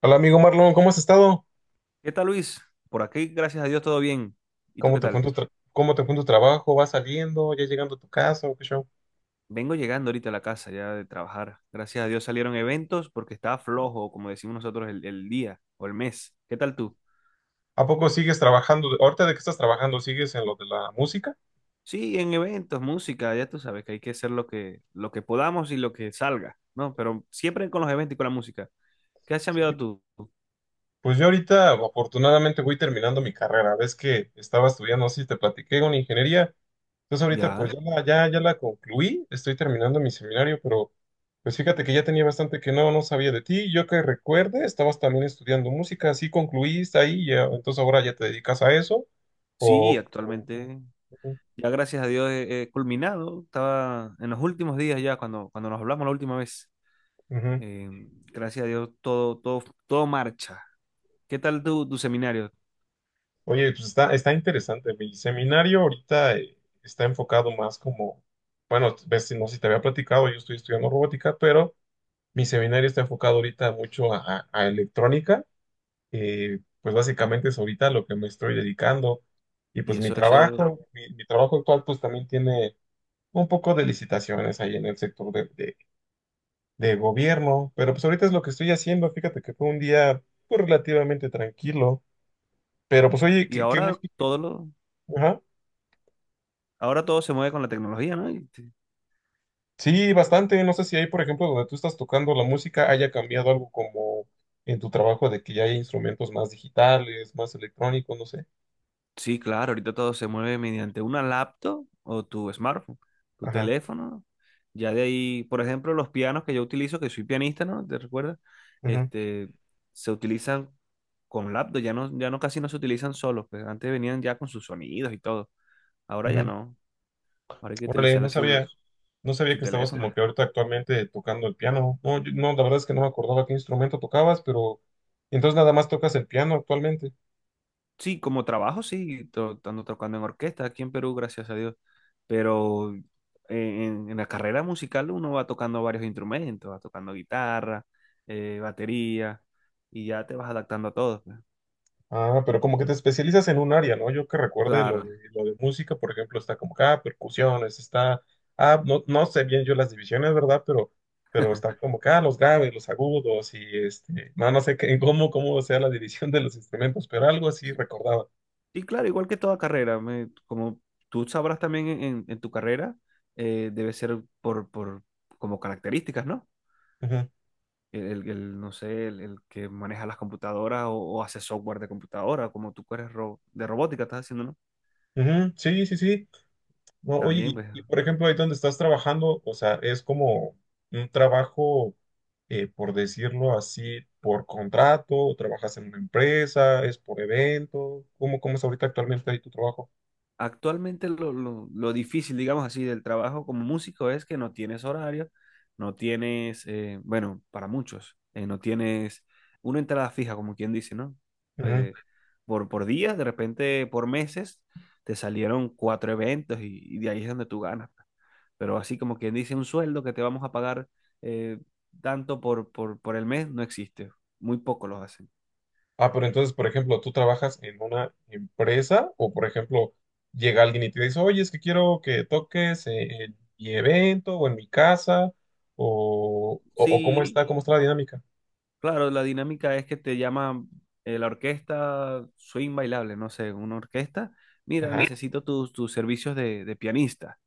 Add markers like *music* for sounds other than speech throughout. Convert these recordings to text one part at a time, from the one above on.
Hola amigo Marlon, ¿cómo has estado? ¿Qué tal, Luis? Por aquí, gracias a Dios, todo bien. ¿Y tú ¿Cómo qué te fue en tal? tu tra- cómo te fue en tu trabajo? ¿Vas saliendo? ¿Ya llegando a tu casa? ¿O qué show? Vengo llegando ahorita a la casa ya de trabajar. Gracias a Dios salieron eventos porque estaba flojo, como decimos nosotros, el día o el mes. ¿Qué tal tú? ¿A poco sigues trabajando? ¿Ahorita de qué estás trabajando? ¿Sigues en lo de la música? Sí, en eventos, música, ya tú sabes que hay que hacer lo que podamos y lo que salga, ¿no? Pero siempre con los eventos y con la música. ¿Qué has cambiado Sí. tú? Pues yo ahorita afortunadamente voy terminando mi carrera. Ves que estaba estudiando, no sé si te platiqué, una ingeniería. Entonces ahorita pues Ya. ya, la concluí, estoy terminando mi seminario, pero pues fíjate que ya tenía bastante que no sabía de ti. Yo que recuerde, estabas también estudiando música, así concluiste ahí, ya, entonces ahora ya te dedicas a eso. Sí, O, o- o- actualmente, ya gracias a Dios he culminado. Estaba en los últimos días ya, cuando nos hablamos la última vez. ujú. Eh, Gracias a Dios, todo, todo, todo marcha. ¿Qué tal tu seminario? Oye, pues está, interesante. Mi seminario ahorita está enfocado más como, bueno, ves, no sé si te había platicado, yo estoy estudiando robótica, pero mi seminario está enfocado ahorita mucho a electrónica. Pues básicamente es ahorita lo que me estoy dedicando. Y Y pues mi eso, eso, trabajo, mi, mi trabajo actual pues también tiene un poco de licitaciones ahí en el sector de gobierno, pero pues ahorita es lo que estoy haciendo. Fíjate que fue un día pues, relativamente tranquilo, pero pues oye, y qué ahora gusto. Todo lo, Ajá. ahora todo se mueve con la tecnología, ¿no? Sí, bastante. No sé si ahí, por ejemplo, donde tú estás tocando la música, haya cambiado algo como en tu trabajo de que ya hay instrumentos más digitales, más electrónicos, no sé. Sí, claro, ahorita todo se mueve mediante una laptop o tu smartphone, tu Ajá. teléfono. Ya de ahí, por ejemplo, los pianos que yo utilizo, que soy pianista, ¿no? ¿Te recuerdas? Ujú, Este, se utilizan con laptop, ya no casi no se utilizan solos, pues antes venían ya con sus sonidos y todo. Ahora ya ujú. no, ahora hay que Órale, no utilizar sabía, sus, no sabía su que estabas como teléfono. que ahorita actualmente tocando el piano. No, no, la verdad es que no me acordaba qué instrumento tocabas, pero entonces nada más tocas el piano actualmente. Sí, como trabajo, sí, ando tocando en orquesta aquí en Perú, gracias a Dios. Pero en la carrera musical uno va tocando varios instrumentos, va tocando guitarra, batería, y ya te vas adaptando a todo, pues. Ah, pero como que te especializas en un área, ¿no? Yo que recuerde lo de, Claro. lo de música, por ejemplo, está como que, ah, percusiones, está, ah, no sé bien yo las divisiones, ¿verdad? Pero está como que, ah, los graves, los agudos y este, no sé qué, *laughs* cómo sea la división de los instrumentos, pero algo así Sí. recordaba. Y claro, igual que toda carrera, como tú sabrás también en tu carrera, debe ser por como características, ¿no? Ujú, El, no sé, el que maneja las computadoras o hace software de computadora, como tú que eres de robótica, estás haciendo, ¿no? ujú, sí, sí, sí. No, oye, También, y, pues, y, por ejemplo, ahí donde estás trabajando, o sea, es como un trabajo, por decirlo así, por contrato, o trabajas en una empresa, es por evento, ¿cómo es ahorita actualmente ahí tu trabajo? actualmente lo difícil, digamos así, del trabajo como músico es que no tienes horario, no tienes, bueno, para muchos, no tienes una entrada fija, como quien dice, ¿no? Ujú. Eh, por días, de repente por meses, te salieron cuatro eventos y de ahí es donde tú ganas, pues. Pero así como quien dice, un sueldo que te vamos a pagar eh, tanto por el mes, no existe. Muy poco los hacen. Ah, pero entonces, por ejemplo, tú trabajas en una empresa o, por ejemplo, llega alguien y te dice, oye, es que quiero que toques en mi evento o en mi casa o cómo Sí, está, cómo está la dinámica. claro, la dinámica es que te llama la orquesta swing bailable, no sé, una orquesta. Mira, Ajá. necesito tus servicios de pianista.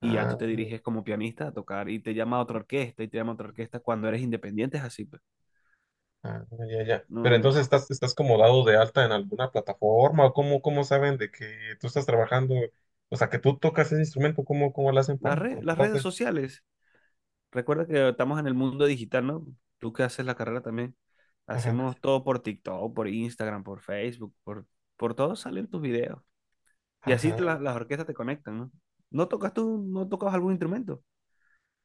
Y ya Ah, tú te diriges como pianista a tocar y te llama otra orquesta y te llama otra orquesta cuando eres independiente, es así, pues. Ah, ya, ya. No, Pero no. entonces estás como dado de alta en alguna plataforma o cómo saben de que tú estás trabajando, o sea, que tú tocas ese instrumento, ¿cómo lo hacen para Las redes encontrarte? sociales, recuerda que estamos en el mundo digital, ¿no? Tú que haces la carrera también. Ajá, Hacemos todo por TikTok, por Instagram, por Facebook, por todo salen tus videos. Y así ajá. las orquestas te conectan, ¿no? ¿No tocas tú, no tocas algún instrumento?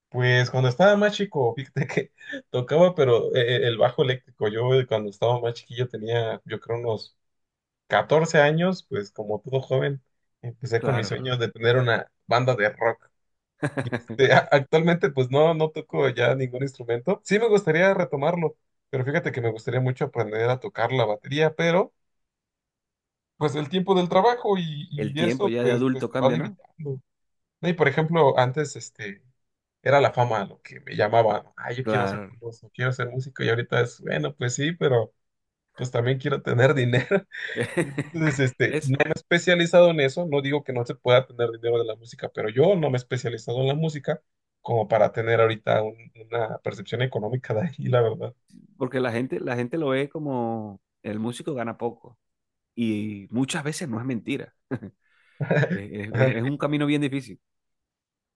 Pues cuando estaba más chico, fíjate que *laughs* tocaba, pero el bajo eléctrico, yo cuando estaba más chiquillo tenía, yo creo, unos 14 años, pues como todo joven, empecé con mis Claro. sueños de tener una banda de rock. Este, *laughs* actualmente, pues no toco ya ningún instrumento. Sí me gustaría retomarlo, pero fíjate que me gustaría mucho aprender a tocar la batería, pero pues el tiempo del trabajo y, El y tiempo eso, ya de pues adulto te va cambia, ¿no? limitando. ¿No? Y por ejemplo, antes este, era la fama lo que me llamaba, ah, yo quiero ser Claro. famoso, quiero ser músico, y ahorita es, bueno, pues sí, pero pues también quiero tener *laughs* dinero. *laughs* Entonces, este, Es no me he especializado en eso, no digo que no se pueda tener dinero de la música, pero yo no me he especializado en la música como para tener ahorita una percepción económica de ahí, la verdad. porque la gente lo ve como el músico gana poco y muchas veces no es mentira. *laughs* *laughs* Es un camino bien difícil,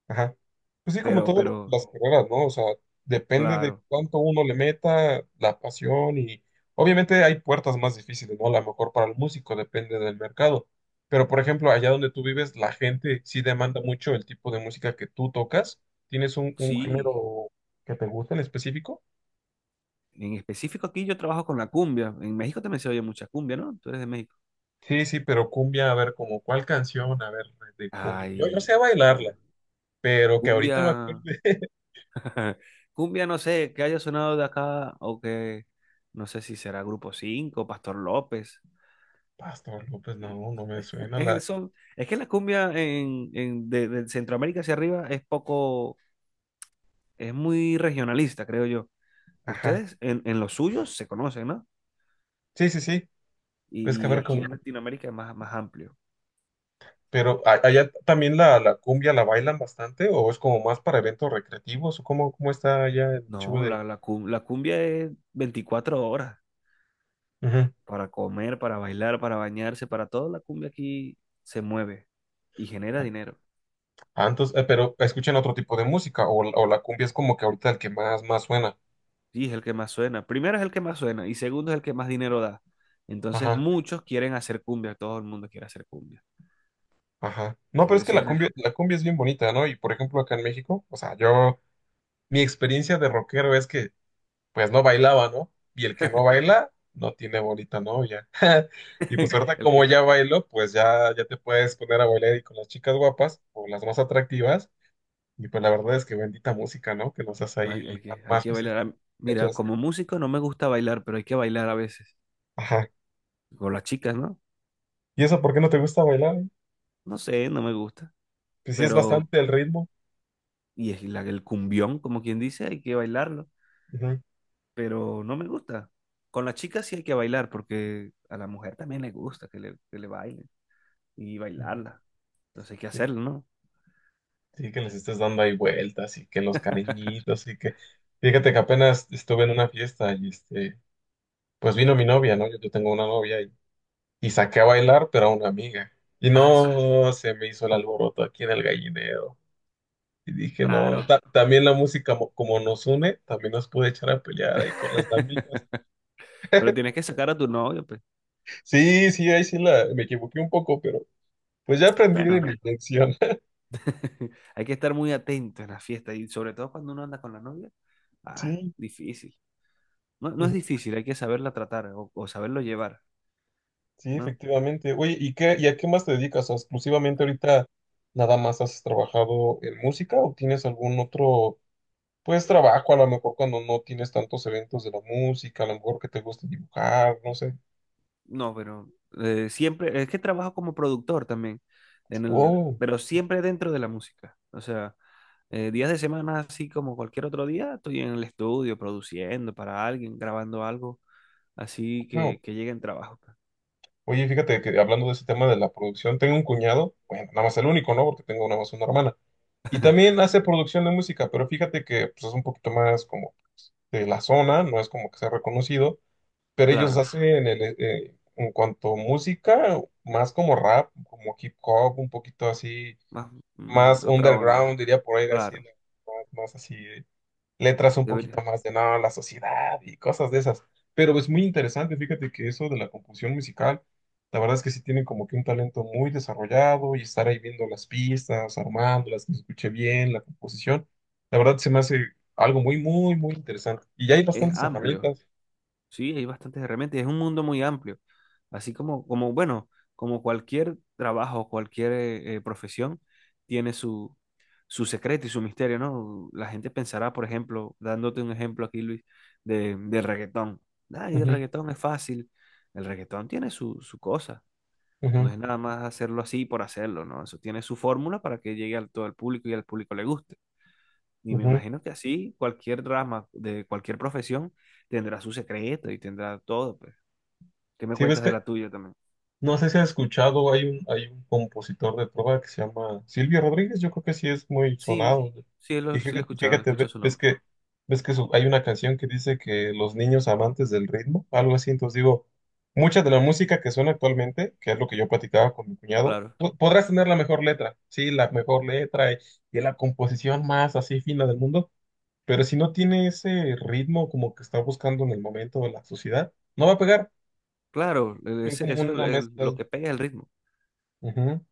Ajá. Pues sí, como pero, todas pero, las carreras, ¿no? O sea, depende de claro, cuánto uno le meta, la pasión y obviamente hay puertas más difíciles, ¿no? A lo mejor para el músico depende del mercado. Pero por ejemplo, allá donde tú vives, la gente sí demanda mucho el tipo de música que tú tocas. ¿Tienes un sí. género que te gusta en específico? En específico aquí yo trabajo con la cumbia. En México también se oye mucha cumbia, ¿no? Tú eres de México. Sí, sí, pero cumbia, a ver, como cuál canción, a ver, de cumbia. Yo sé Ay, bailarla, pero que ahorita cumbia, me acuerde. *laughs* *laughs* cumbia no sé, que haya sonado de acá o que no sé si será Grupo 5, Pastor López. Pastor López, no, no me suena la... Es que la cumbia de Centroamérica hacia arriba es poco, es muy regionalista, creo yo. Ajá. Ustedes en los suyos se conocen, ¿no? Sí, sí, sí. Es que a Y ver, aquí en Latinoamérica es más, más amplio. pero allá también la cumbia la bailan bastante o es como más para eventos recreativos o cómo está allá el show No, de... la cumbia es 24 horas Ujú. para comer, para bailar, para bañarse, para todo. La cumbia aquí se mueve y genera dinero. Ah, entonces, pero escuchan otro tipo de música o la cumbia es como que ahorita el que más suena. Sí, es el que más suena. Primero es el que más suena y segundo es el que más dinero da. Entonces Ajá, muchos quieren hacer cumbia, todo el mundo quiere hacer cumbia. ajá. No, pero es que Es la una. cumbia, la cumbia es bien bonita, ¿no? Y por ejemplo acá en México, o sea, mi experiencia de rockero es que pues no bailaba, ¿no? Y el que no baila, no tiene bonita novia. *laughs* Y pues *laughs* ahorita El como que, ya bailo, pues ya, ya te puedes poner a bailar y con las chicas guapas o las más atractivas. Y pues la verdad es que bendita música, ¿no? Que nos hace no, ahí hay, hay ligar que, hay más que fácil. bailar. Con Ah, las mira, muchachas. como músico no me gusta bailar, pero hay que bailar a veces. Ajá. Con las chicas, ¿no? ¿Y eso por qué no te gusta bailar? ¿Eh? No sé, no me gusta. Pues sí es Pero, bastante el ritmo. y es el cumbión, como quien dice, hay que bailarlo. Ujú, Pero no me gusta. Con las chicas sí hay que bailar, porque a la mujer también le gusta que le bailen y ujú. bailarla. Entonces hay que Sí, hacerlo, ¿no? sí, que les estés dando ahí vueltas y que los cariñitos y que... Fíjate que apenas estuve en una fiesta y este... Pues vino mi novia, ¿no? Yo tengo una novia. Y saqué a bailar, pero a una amiga. Y Ah, no se me hizo el alboroto aquí en el gallinero. Y dije, no, claro. También la música como nos une, también nos puede echar a pelear ahí con las *laughs* amigas. Pero tienes que sacar a tu novio, pues. Sí, sí, ahí sí me equivoqué un poco, pero pues ya aprendí de Bueno, mi lección. *laughs* *laughs* hay que estar muy atento en la fiesta y sobre todo cuando uno anda con la novia. Ah, Sí, difícil. No, no es ujú, difícil, hay que saberla tratar o saberlo llevar, sí, ¿no? efectivamente. Oye, y a qué más te dedicas? O sea, exclusivamente ahorita nada más has trabajado en música o tienes algún otro, pues trabajo a lo mejor cuando no tienes tantos eventos de la música, a lo mejor que te guste dibujar, no sé. No, pero siempre, es que trabajo como productor también, Oh, pero siempre dentro de la música. O sea, días de semana, así como cualquier otro día, estoy en el estudio produciendo para alguien, grabando algo, así no. que llegue en trabajo, pues. Oye, fíjate que hablando de ese tema de la producción, tengo un cuñado, bueno, nada más el único, ¿no? Porque tengo nada más una hermana. Y también hace producción de música, pero fíjate que pues, es un poquito más como pues, de la zona, no es como que sea reconocido, pero ellos Claro, hacen en cuanto a música, más como rap, como hip hop, un poquito así, más más otra underground, onda, diría por ahí, así, claro, más así. Letras un poquito debería. más de no, la sociedad y cosas de esas. Pero es muy interesante, fíjate que eso de la composición musical, la verdad es que sí tienen como que un talento muy desarrollado y estar ahí viendo las pistas, armándolas, que se escuche bien la composición, la verdad se me hace algo muy, muy, muy interesante. Y ya hay Es bastantes amplio, herramientas. sí, hay bastantes herramientas, es un mundo muy amplio. Así como bueno, como cualquier trabajo, cualquier profesión tiene su secreto y su misterio, ¿no? La gente pensará, por ejemplo, dándote un ejemplo aquí, Luis, del reggaetón. Ay, el Ujú, reggaetón es fácil. El reggaetón tiene su cosa. No ujú, es nada más hacerlo así por hacerlo, ¿no? Eso tiene su fórmula para que llegue a todo el público y al público le guste. Y me ujú. imagino que así cualquier rama de cualquier profesión tendrá su secreto y tendrá todo, pues. ¿Qué me Sí, ves cuentas de que la tuya también? no sé si has escuchado, hay un, compositor de trova que se llama Silvio Rodríguez, yo creo que sí es muy Sí, sonado. sí Y lo, sí lo fíjate, he fíjate, ve- escuchado su ves nombre. que, ves que su- hay una canción que dice que los niños amantes del ritmo, algo así, entonces digo, mucha de la música que suena actualmente, que es lo que yo platicaba con mi cuñado, Claro, podrás tener la mejor letra, sí, la mejor letra y la composición más así fina del mundo, pero si no tiene ese ritmo como que está buscando en el momento de la sociedad, no va a pegar, claro, es como una mezcla lo ahí. que pega es el ritmo. Ujú.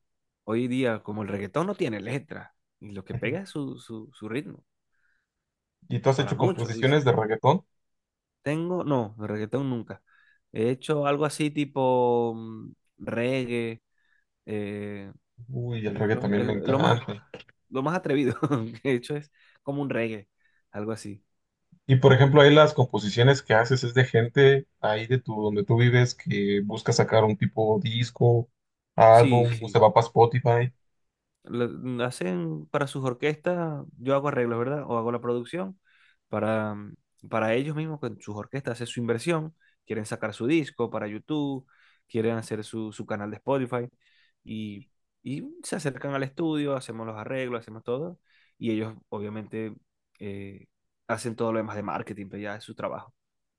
Hoy día, como el reggaetón no tiene letra, y lo que Ujú. pega es su ritmo, ¿Y tú has para hecho muchos, dice. composiciones de reggaetón? Tengo, no, de reggaetón nunca. He hecho algo así tipo reggae, eh, Uy, el eh, reggaetón lo, también me el- lo más, encanta. lo más atrevido *laughs* que he hecho es como un reggae, algo así. Y por ejemplo, ahí las composiciones que haces es de gente ahí donde tú vives que busca sacar un tipo disco, Sí, álbum, o se sí. va para Spotify. Hacen para sus orquestas, yo hago arreglos, ¿verdad? O hago la producción para, para ellos mismos, con sus orquestas, hacen su inversión, quieren sacar su disco para YouTube, quieren hacer su canal de Spotify y, y se acercan al estudio, hacemos los arreglos, hacemos todo y ellos obviamente eh, hacen todo lo demás de marketing, pero ya es su trabajo,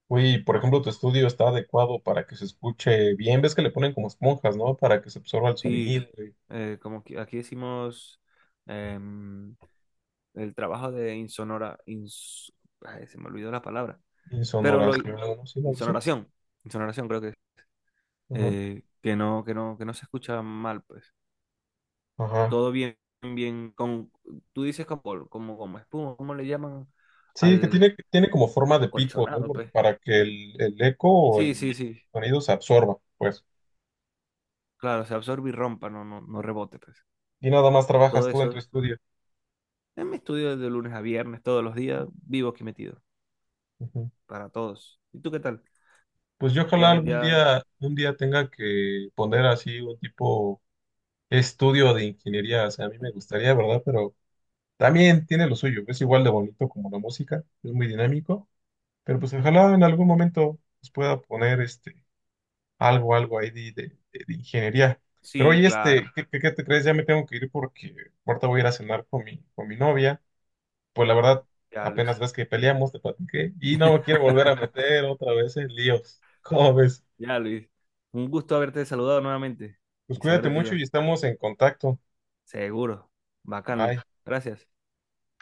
Uy, por ¿no? ejemplo, tu estudio está adecuado para que se escuche bien. Ves que le ponen como esponjas, ¿no? Para que se absorba el Sí, sonido y como que aquí decimos, em, el trabajo de insonora, ay, se me olvidó la palabra, pero insonoración, ¿no? Sí, algo así. insonoración, insonoración creo que es, Ajá, que no se escucha mal, pues, ajá. todo bien, bien, con, tú dices como, como espuma, ¿cómo le llaman Sí, que al tiene como forma de pico, ¿no? colchonado, pues? Para que el eco o Sí, el sí, sí, sonido se absorba, pues. claro, se absorbe y rompa, no rebote, pues, Y nada más trabajas todo tú en tu eso, estudio. en mi estudio de lunes a viernes, todos los días, vivo aquí metido, Ujú. para todos, ¿y tú qué tal? Pues yo ojalá Ya, algún ya, día, un día tenga que poner así un tipo estudio de ingeniería. O sea, a mí me gustaría, ¿verdad? Pero también tiene lo suyo. Es igual de bonito como la música, es muy dinámico. Pero pues ojalá en algún momento pues, pueda poner este algo ahí de ingeniería. Pero sí, oye, este, claro, ¿qué te crees? Ya me tengo que ir porque ahorita voy a ir a cenar con mi, novia. Pues la verdad, ya, Luis. apenas ves que peleamos, te platiqué, y no me quiero volver a meter otra vez en líos. *laughs* ¿Cómo ves? Ya, Luis. Un gusto haberte saludado nuevamente Pues y saber cuídate de ti mucho y ya. estamos en contacto. Seguro. Bacán, Bye. Luis. Gracias.